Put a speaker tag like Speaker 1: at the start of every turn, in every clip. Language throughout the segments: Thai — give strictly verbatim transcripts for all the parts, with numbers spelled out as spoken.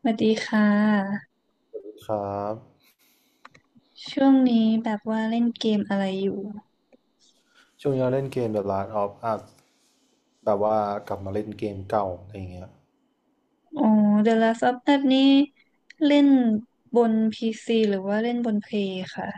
Speaker 1: สวัสดีค่ะ
Speaker 2: ครับ
Speaker 1: ช่วงนี้แบบว่าเล่นเกมอะไรอยู่
Speaker 2: ช่วงนี้เราเล่นเกมแบบ Last of Us แบบว่ากลับมาเล่นเกมเก่าอะไรอย่างเงี้ย
Speaker 1: อ๋อ The Last of Us นี่เล่นบน พี ซี หรือว่าเล่นบนเพลย์ค่ะ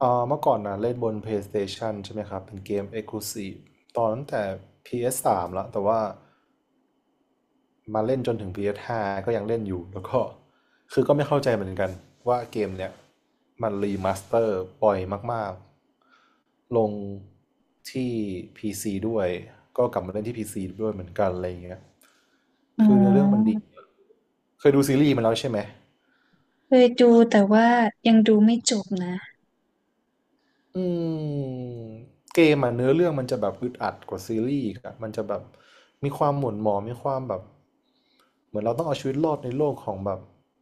Speaker 2: เอ่อเมื่อก่อนนะเล่นบน PlayStation ใช่ไหมครับเป็นเกม Exclusive ตอนตั้งแต่ พี เอส สาม แล้วแต่ว่ามาเล่นจนถึง พี เอส ไฟว์ ก็ยังเล่นอยู่แล้วก็คือก็ไม่เข้าใจเหมือนกันว่าเกมเนี้ยมันรีมาสเตอร์ปล่อยมากๆลงที่ พี ซี ด้วยก็กลับมาเล่นที่ พี ซี ด้วยเหมือนกันอะไรอย่างเงี้ย
Speaker 1: อ๋อ
Speaker 2: คือเนื้อเรื่องมันดีเคยดูซีรีส์มันแล้วใช่ไหม
Speaker 1: เคยดูแต่ว่ายังดูไม่จบนะ
Speaker 2: อืมเกมอ่ะเนื้อเรื่องมันจะแบบอึดอัดกว่าซีรีส์อีกอ่ะมันจะแบบมีความหม่นหมองมีความแบบเหมือนเราต้องเอาชีวิตรอดในโลกของแบบ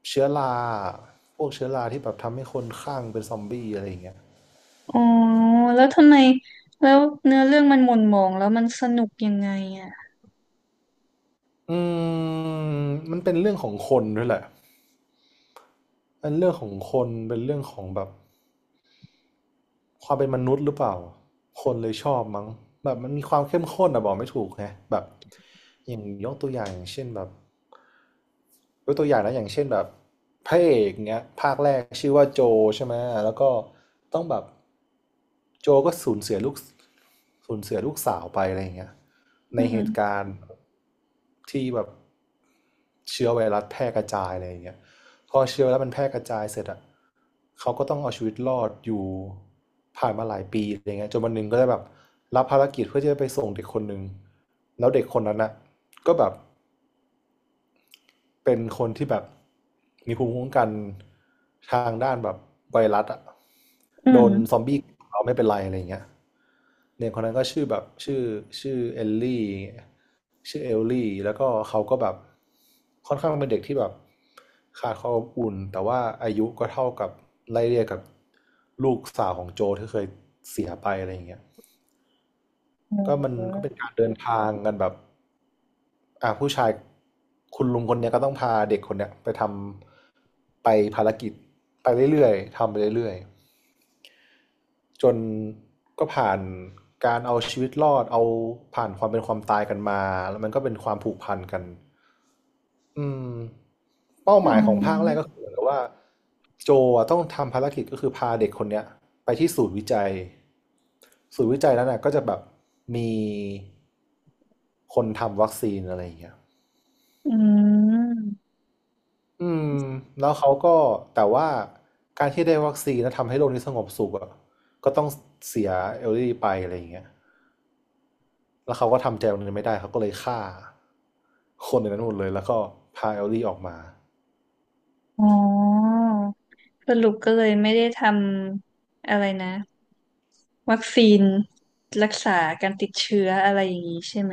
Speaker 2: เชื้อราพวกเชื้อราที่แบบทำให้คนคลั่งเป็นซอมบี้อะไรอย่างเงี้ย
Speaker 1: อ๋อแล้วทำไมแล้วเนื้อเรื่องมันหม่นหมองแล้วมันสนุกยังไงอ่ะ
Speaker 2: อืมมันเป็นเรื่องของคนด้วยแหละเป็นเรื่องของคนเป็นเรื่องของแบบความเป็นมนุษย์หรือเปล่าคนเลยชอบมั้งแบบมันมีความเข้มข้นอะบอกไม่ถูกไงแบบอย่างยกตัวอย่างอย่างเช่นแบบ ยกตัวอย่างนะอย่างเช่นแบบพระเอกเนี้ยภาคแรกชื่อว่าโจใช่ไหมแล้วก็ต้องแบบโจก็สูญเสียลูกสูญเสียลูกสาวไปอะไรอย่างเงี้ยใน
Speaker 1: อื
Speaker 2: เหตุ
Speaker 1: ม
Speaker 2: การณ์ที่แบบเชื้อไวรัสแพร่กระจายอะไรอย่างเงี้ยพอเชื้อไวรัสมันแพร่กระจายเสร็จอ่ะเขาก็ต้องเอาชีวิตรอดอยู่ผ่านมาหลายปีอะไรเงี้ยจนวันหนึ่งก็ได้แบบรับภารกิจเพื่อที่จะไปส่งเด็กคนหนึ่งแล้วเด็กคนนั้นอ่ะก็แบบ เป็นคนที่แบบมีภูมิคุ้มกันทางด้านแบบไวรัสอะ
Speaker 1: อื
Speaker 2: โดนซอม
Speaker 1: ม
Speaker 2: บี้เราไม่เป็นไรอะไรอย่างเงี้ยเด็กคนนั้นก็ชื่อแบบชื่อชื่อเอลลี่ชื่อเอลลี่แล้วก็เขาก็แบบค่อนข้างเป็นเด็กที่แบบขาดความอบอุ่นแต่ว่าอายุก็เท่ากับไล่เรียกกับลูกสาวของโจที่เคยเสียไปอะไรอย่างเงี้ย
Speaker 1: อ
Speaker 2: ก็มันก็
Speaker 1: ื
Speaker 2: เป็นการเดินทางกันแบบอ่าผู้ชายคุณลุงคนเนี้ยก็ต้องพาเด็กคนเนี้ยไปทำไปภารกิจไปเรื่อยๆทำไปเรื่อยๆจนก็ผ่านการเอาชีวิตรอดเอาผ่านความเป็นความตายกันมาแล้วมันก็เป็นความผูกพันกัน อืมเป้า
Speaker 1: อ
Speaker 2: ห
Speaker 1: อ๋
Speaker 2: มายของภาคแรก
Speaker 1: อ
Speaker 2: ก็คือเหมือนกับว่าโจอะต้องทำภารกิจก็คือพาเด็กคนเนี้ยไปที่ศูนย์วิจัยศูนย์วิจัยนั้นน่ะก็จะแบบมีคนทำวัคซีนอะไรอย่างเงี้ย
Speaker 1: อืม
Speaker 2: อืมแล้วเขาก็แต่ว่าการที่ได้วัคซีนแล้วทำให้โลกนี้สงบสุขอ่ะก็ต้องเสียเอลลี่ไปอะไรอย่างเงี้ยแล้วเขาก็ทำใจตรงนี้ไม่ได้เขาก็เลยฆ่าคนในนั้นหมดเลยแล้วก็พาเอลลี่ออกมา
Speaker 1: อ๋อสรุปก็เลยไม่ได้ทำอะไรนะ วัคซีนรักษาการติดเชื้ออะไรอย่างนี้ใช่ไหม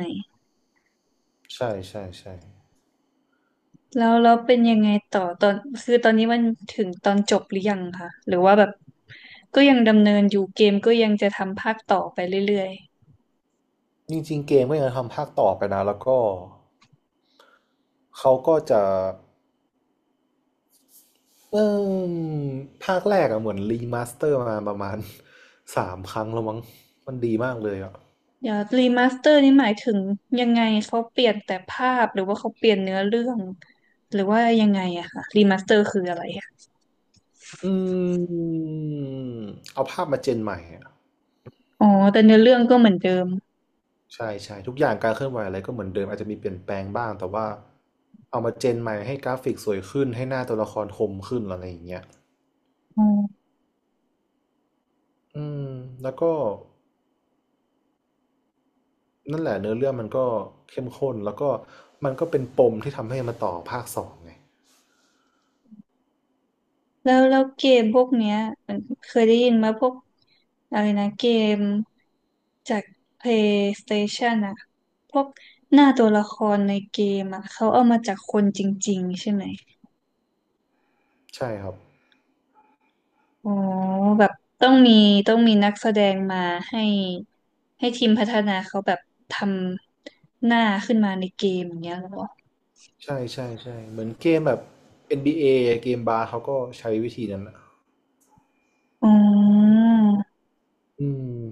Speaker 2: ใช่ใช่ใช่
Speaker 1: แล้วแล้วเป็นยังไงต่อตอนคือตอนนี้มันถึงตอนจบหรือยังคะหรือว่าแบบก็ยังดำเนินอยู่เกมก็ยังจะทำภาคต่อไปเรื่อยๆ
Speaker 2: จริงๆเกมก็ยังทำภาคต่อไปนะแล้วก็เขาก็จะเอมภาคแรกอะเหมือนรีมาสเตอร์มาประมาณ สามครั้งแล้วมั้งมันดีมากเลยอะ
Speaker 1: เดี๋ยวรีมาสเตอร์นี่หมายถึงยังไงเขาเปลี่ยนแต่ภาพหรือว่าเขาเปลี่ยนเนื้อเรื่องหรือว่ายังไงอะคะรีมาสเตอร์คืออะไรอะ
Speaker 2: อืมเอาภาพมาเจนใหม่อะ
Speaker 1: อ๋อแต่เนื้อเรื่องก็เหมือนเดิม
Speaker 2: ใช่ใช่ทุกอย่างการเคลื่อนไหวอะไรก็เหมือนเดิมอาจจะมีเปลี่ยนแปลงบ้างแต่ว่าเอามาเจนใหม่ให้กราฟิกสวยขึ้นให้หน้าตัวละครคมขึ้นอะไรอย่างเงี้ย
Speaker 1: อ๋อ
Speaker 2: อืมแล้วก็ นั่นแหละเนื้อเรื่องมันก็เข้มข้นแล้วก็มันก็เป็นปมที่ทำให้มาต่อภาคสองไง
Speaker 1: แล้วแล้วเกมพวกเนี้ยมันเคยได้ยินมาพวกอะไรนะเกม จาก PlayStation อะพวกหน้าตัวละครในเกมอะเขาเอามาจากคนจริงๆใช่ไหม
Speaker 2: ใช่ครับ
Speaker 1: อ๋อแบบต้องมีต้องมีนักแสดงมาให้ให้ทีมพัฒนาเขาแบบทำหน้าขึ้นมาในเกมอย่างเงี้ยเหรอ
Speaker 2: ใช่ใช่ใช่เหมือนเกมแบบ เอ็น บี เอ เอเกมบาร์เขาก็ใช้วิธีนั้นนะ
Speaker 1: อ๋อ
Speaker 2: อืม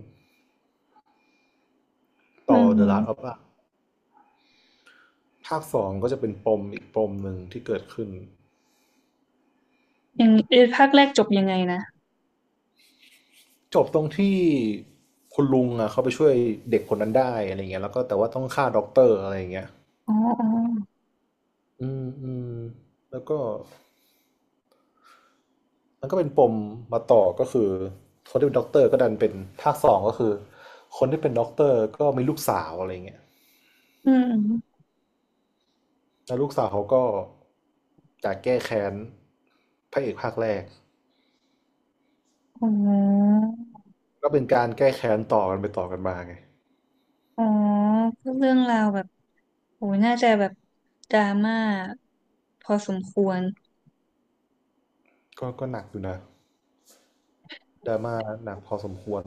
Speaker 1: อื
Speaker 2: ต่อ The Last of
Speaker 1: ม
Speaker 2: Us ภาคสองก็จะเป็นปมอีกปมหนึ่งที่เกิดขึ้น
Speaker 1: อย่างเอ่อภาคแรกจบยังไงนะ
Speaker 2: จบตรงที่คุณลุงอ่ะเขาไปช่วยเด็กคนนั้นได้อะไรเงี้ยแล้วก็แต่ว่าต้องฆ่าด็อกเตอร์อะไรเงี้ย
Speaker 1: อ๋ออ๋อ
Speaker 2: อืมอืมแล้วก็ มันก็เป็นปมมาต่อก็คือคนที่เป็นด็อกเตอร์ก็ดันเป็นภาคสองก็คือคนที่เป็นด็อกเตอร์ก็มีลูกสาวอะไรเงี้ย
Speaker 1: อืม
Speaker 2: แล้วลูกสาวเขาก็อยากแก้แค้นพระเอกภาคแรก
Speaker 1: อมอ๋อ
Speaker 2: ก็เป็นการแก้แค้นต่อกันไปต่อกันมาไง
Speaker 1: อ๋อก็เรื่องราวแบบโหน่าจะแบบดราม่าพอสมควร
Speaker 2: ก็ก็หนักอยู่นะดราม่าหนักพอสมควร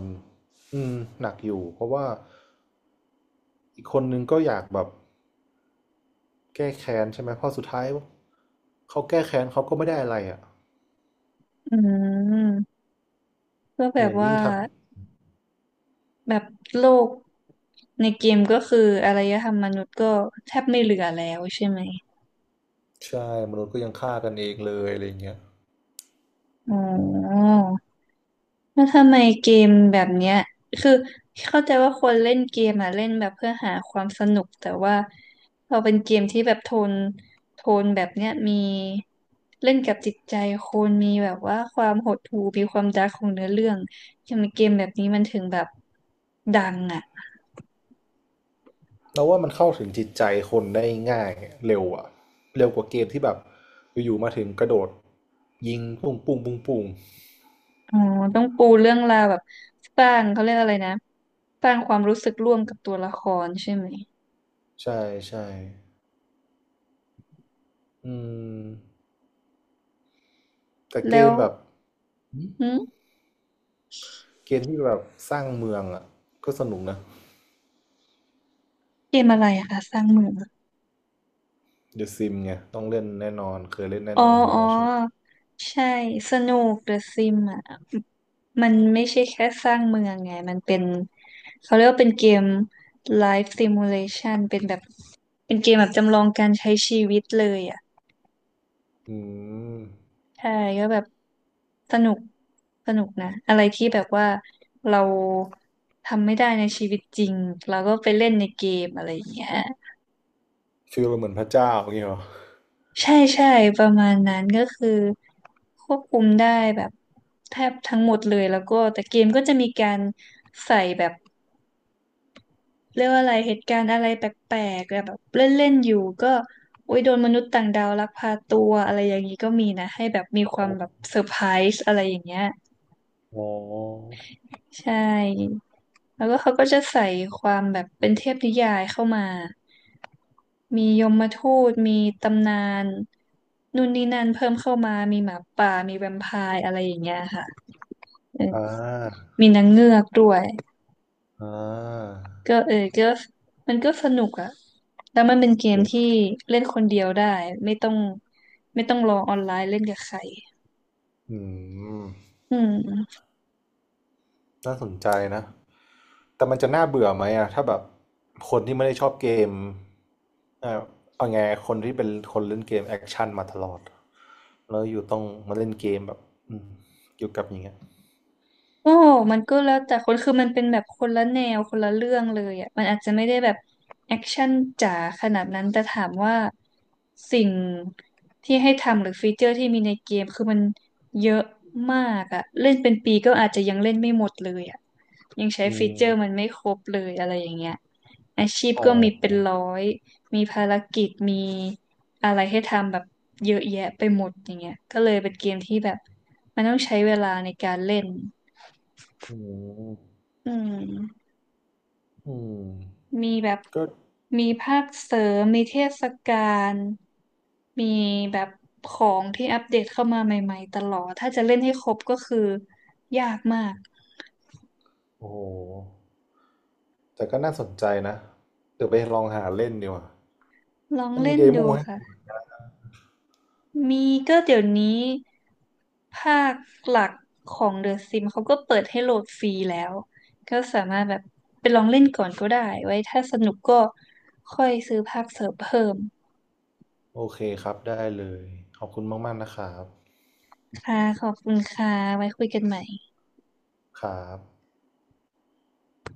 Speaker 2: อืมหนักอยู่เพราะว่าอีกคนนึงก็อยากแบบแก้แค้นใช่ไหมเพราะสุดท้ายเขาแก้แค้นเขาก็ไม่ได้อะไรอ่ะ
Speaker 1: อืมก็แบ
Speaker 2: เห
Speaker 1: บ
Speaker 2: มือน
Speaker 1: ว่า
Speaker 2: ยิ่งทำ
Speaker 1: แบบโลกในเกมก็คืออารยธรรมมนุษย์ก็แทบไม่เหลือแล้วใช่ไหม
Speaker 2: ใช่มนุษย์ก็ยังฆ่ากันเองเลยอะไรเงี้ย
Speaker 1: อ๋อ แล้วทำไมเกมแบบเนี้ยคือเข้าใจว่าคนเล่นเกมอ่ะเล่นแบบเพื่อหาความสนุกแต่ว่าพอเป็นเกมที่แบบโทนโทนแบบเนี้ยมีเล่นกับจิตใจคนมีแบบว่าความหดหู่มีความดาร์กของเนื้อเรื่องทำไมเกมแบบนี้มันถึงแบบดังอ่ะ
Speaker 2: เราว่ามันเข้าถึงจิตใจคนได้ง่ายเร็วอะเร็วกว่าเกมที่แบบอยู่ๆมาถึงกระโดดยิงปุ้งปุ้งปุ้งปุ้ง
Speaker 1: อ๋อต้องปูเรื่องราวแบบสร้างเขาเรียกอะไรนะสร้างความรู้สึกร่วมกับตัวละครใช่ไหม
Speaker 2: ใช่ใช่อืมแต่เก
Speaker 1: แล้
Speaker 2: ม
Speaker 1: ว
Speaker 2: แบบ
Speaker 1: หึ
Speaker 2: เกมที่แบบสร้างเมืองอะก็สนุกนะ
Speaker 1: เกมอะไรอะคะสร้างเมือง
Speaker 2: เดอะซิมไงต้องเล่นแน่นอนเคยเล่นแน่
Speaker 1: อ๋อ
Speaker 2: นอนอยู่
Speaker 1: อ๋อ
Speaker 2: แล้วใช่ไหม
Speaker 1: ใช่สนุกเดอะซิมอ่ะมันไม่ใช่แค่สร้างเมืองไงมันเป็นเขาเรียกว่าเป็นเกม Life Simulation เป็นแบบเป็นเกมแบบจำลองการใช้ชีวิตเลยอ่ะ
Speaker 2: อืม
Speaker 1: ใช่ก็แบบสนุกสนุกนะอะไรที่แบบว่าเราทำไม่ได้ในชีวิตจริงเราก็ไปเล่นในเกมอะไรอย่างเงี้ย
Speaker 2: ฟีลเหมือนพระเจ้าอย่างเงี้ยเหรอ
Speaker 1: ใช่ใช่ประมาณนั้นก็คือควบคุมได้แบบแทบทั้งหมดเลยแล้วก็แต่เกมก็จะมีการใส่แบบเรียกว่าอะไรเหตุการณ์อะไรแปลกๆแบบเล่นๆอยู่ก็โอ้ยโดนมนุษย์ต่างดาวลักพาตัวอะไรอย่างนี้ก็มีนะให้แบบมีความ
Speaker 2: อ
Speaker 1: แบบเซอร์ไพรส์อะไรอย่างเงี้ย
Speaker 2: ๋อ
Speaker 1: ใช่แล้วก็เขาก็จะใส่ความแบบเป็นเทพนิยายเข้ามา มียมทูตมีตำนานนู่นนี่นั่นเพิ่มเข้ามามีหมาป่ามีแวมไพร์อะไรอย่างเงี้ยค่ะเออ
Speaker 2: อออ่า
Speaker 1: มีนางเงือกด้วย
Speaker 2: อ่า
Speaker 1: ก็เออก็มันก็สนุกอะแล้วมันเป็นเกม
Speaker 2: เด็ก
Speaker 1: ที่เล่นคนเดียวได้ไม่ต้องไม่ต้องรอออนไลน์เล่นกับใคร
Speaker 2: อืม
Speaker 1: อืม
Speaker 2: น่าสนใจนะแต่มันจะน่าเบื่อไหมอะถ้าแบบคนที่ไม่ได้ชอบเกมเอ่อเอาไงคนที่เป็นคนเล่นเกมแอคชั่นมาตลอดแล้วอยู่ต้องมาเล่นเกมแบบอืมอยู่กับอย่างเงี้ย
Speaker 1: โอ้มันก็แล้วแต่คนคือมันเป็นแบบคนละแนวคนละเรื่องเลยอ่ะมันอาจจะไม่ได้แบบแอคชั่นจ๋าขนาดนั้นแต่ถามว่าสิ่งที่ให้ทำหรือฟีเจอร์ที่มีในเกมคือมันเยอะมากอ่ะ เล่นเป็นปีก็อาจจะยังเล่นไม่หมดเลยอ่ะยังใช้
Speaker 2: อื
Speaker 1: ฟี
Speaker 2: ม
Speaker 1: เจอร์มันไม่ครบเลยอะไรอย่างเงี้ยอาชีพ
Speaker 2: อ๋
Speaker 1: ก็มีเป็น
Speaker 2: อ
Speaker 1: ร้อยมีภารกิจมีอะไรให้ทำแบบเยอะแยะไปหมดอย่างเงี้ยก็เลยเป็นเกมที่แบบมันต้องใช้เวลาในการเล่น
Speaker 2: อืม
Speaker 1: อืม
Speaker 2: อืม
Speaker 1: มีแบบ
Speaker 2: ก็
Speaker 1: มีภาคเสริมมีเทศกาลมีแบบของที่อัปเดตเข้ามาใหม่ๆตลอดถ้าจะเล่นให้ครบก็คือยากมาก
Speaker 2: โอ้โหแต่ก็น่าสนใจนะเดี๋ยวไปลองหาเล่นดีกว่า
Speaker 1: ลอง
Speaker 2: มันมี
Speaker 1: เล่น
Speaker 2: เดโม
Speaker 1: ดู
Speaker 2: ให้
Speaker 1: ค่ะมีก็เดี๋ยวนี้ภาคหลักของ The Sims เขาก็เปิดให้โหลดฟรีแล้วก็สามารถแบบไปลองเล่นก่อนก็ได้ไว้ถ้าสนุกก็ค่อยซื้อภาคเสริมเพิ่ม
Speaker 2: โอเคครับได้เลยขอบคุณมากๆนะครับ
Speaker 1: ค่ะขอบคุณค่ะไว้คุยกันใหม่
Speaker 2: ครับ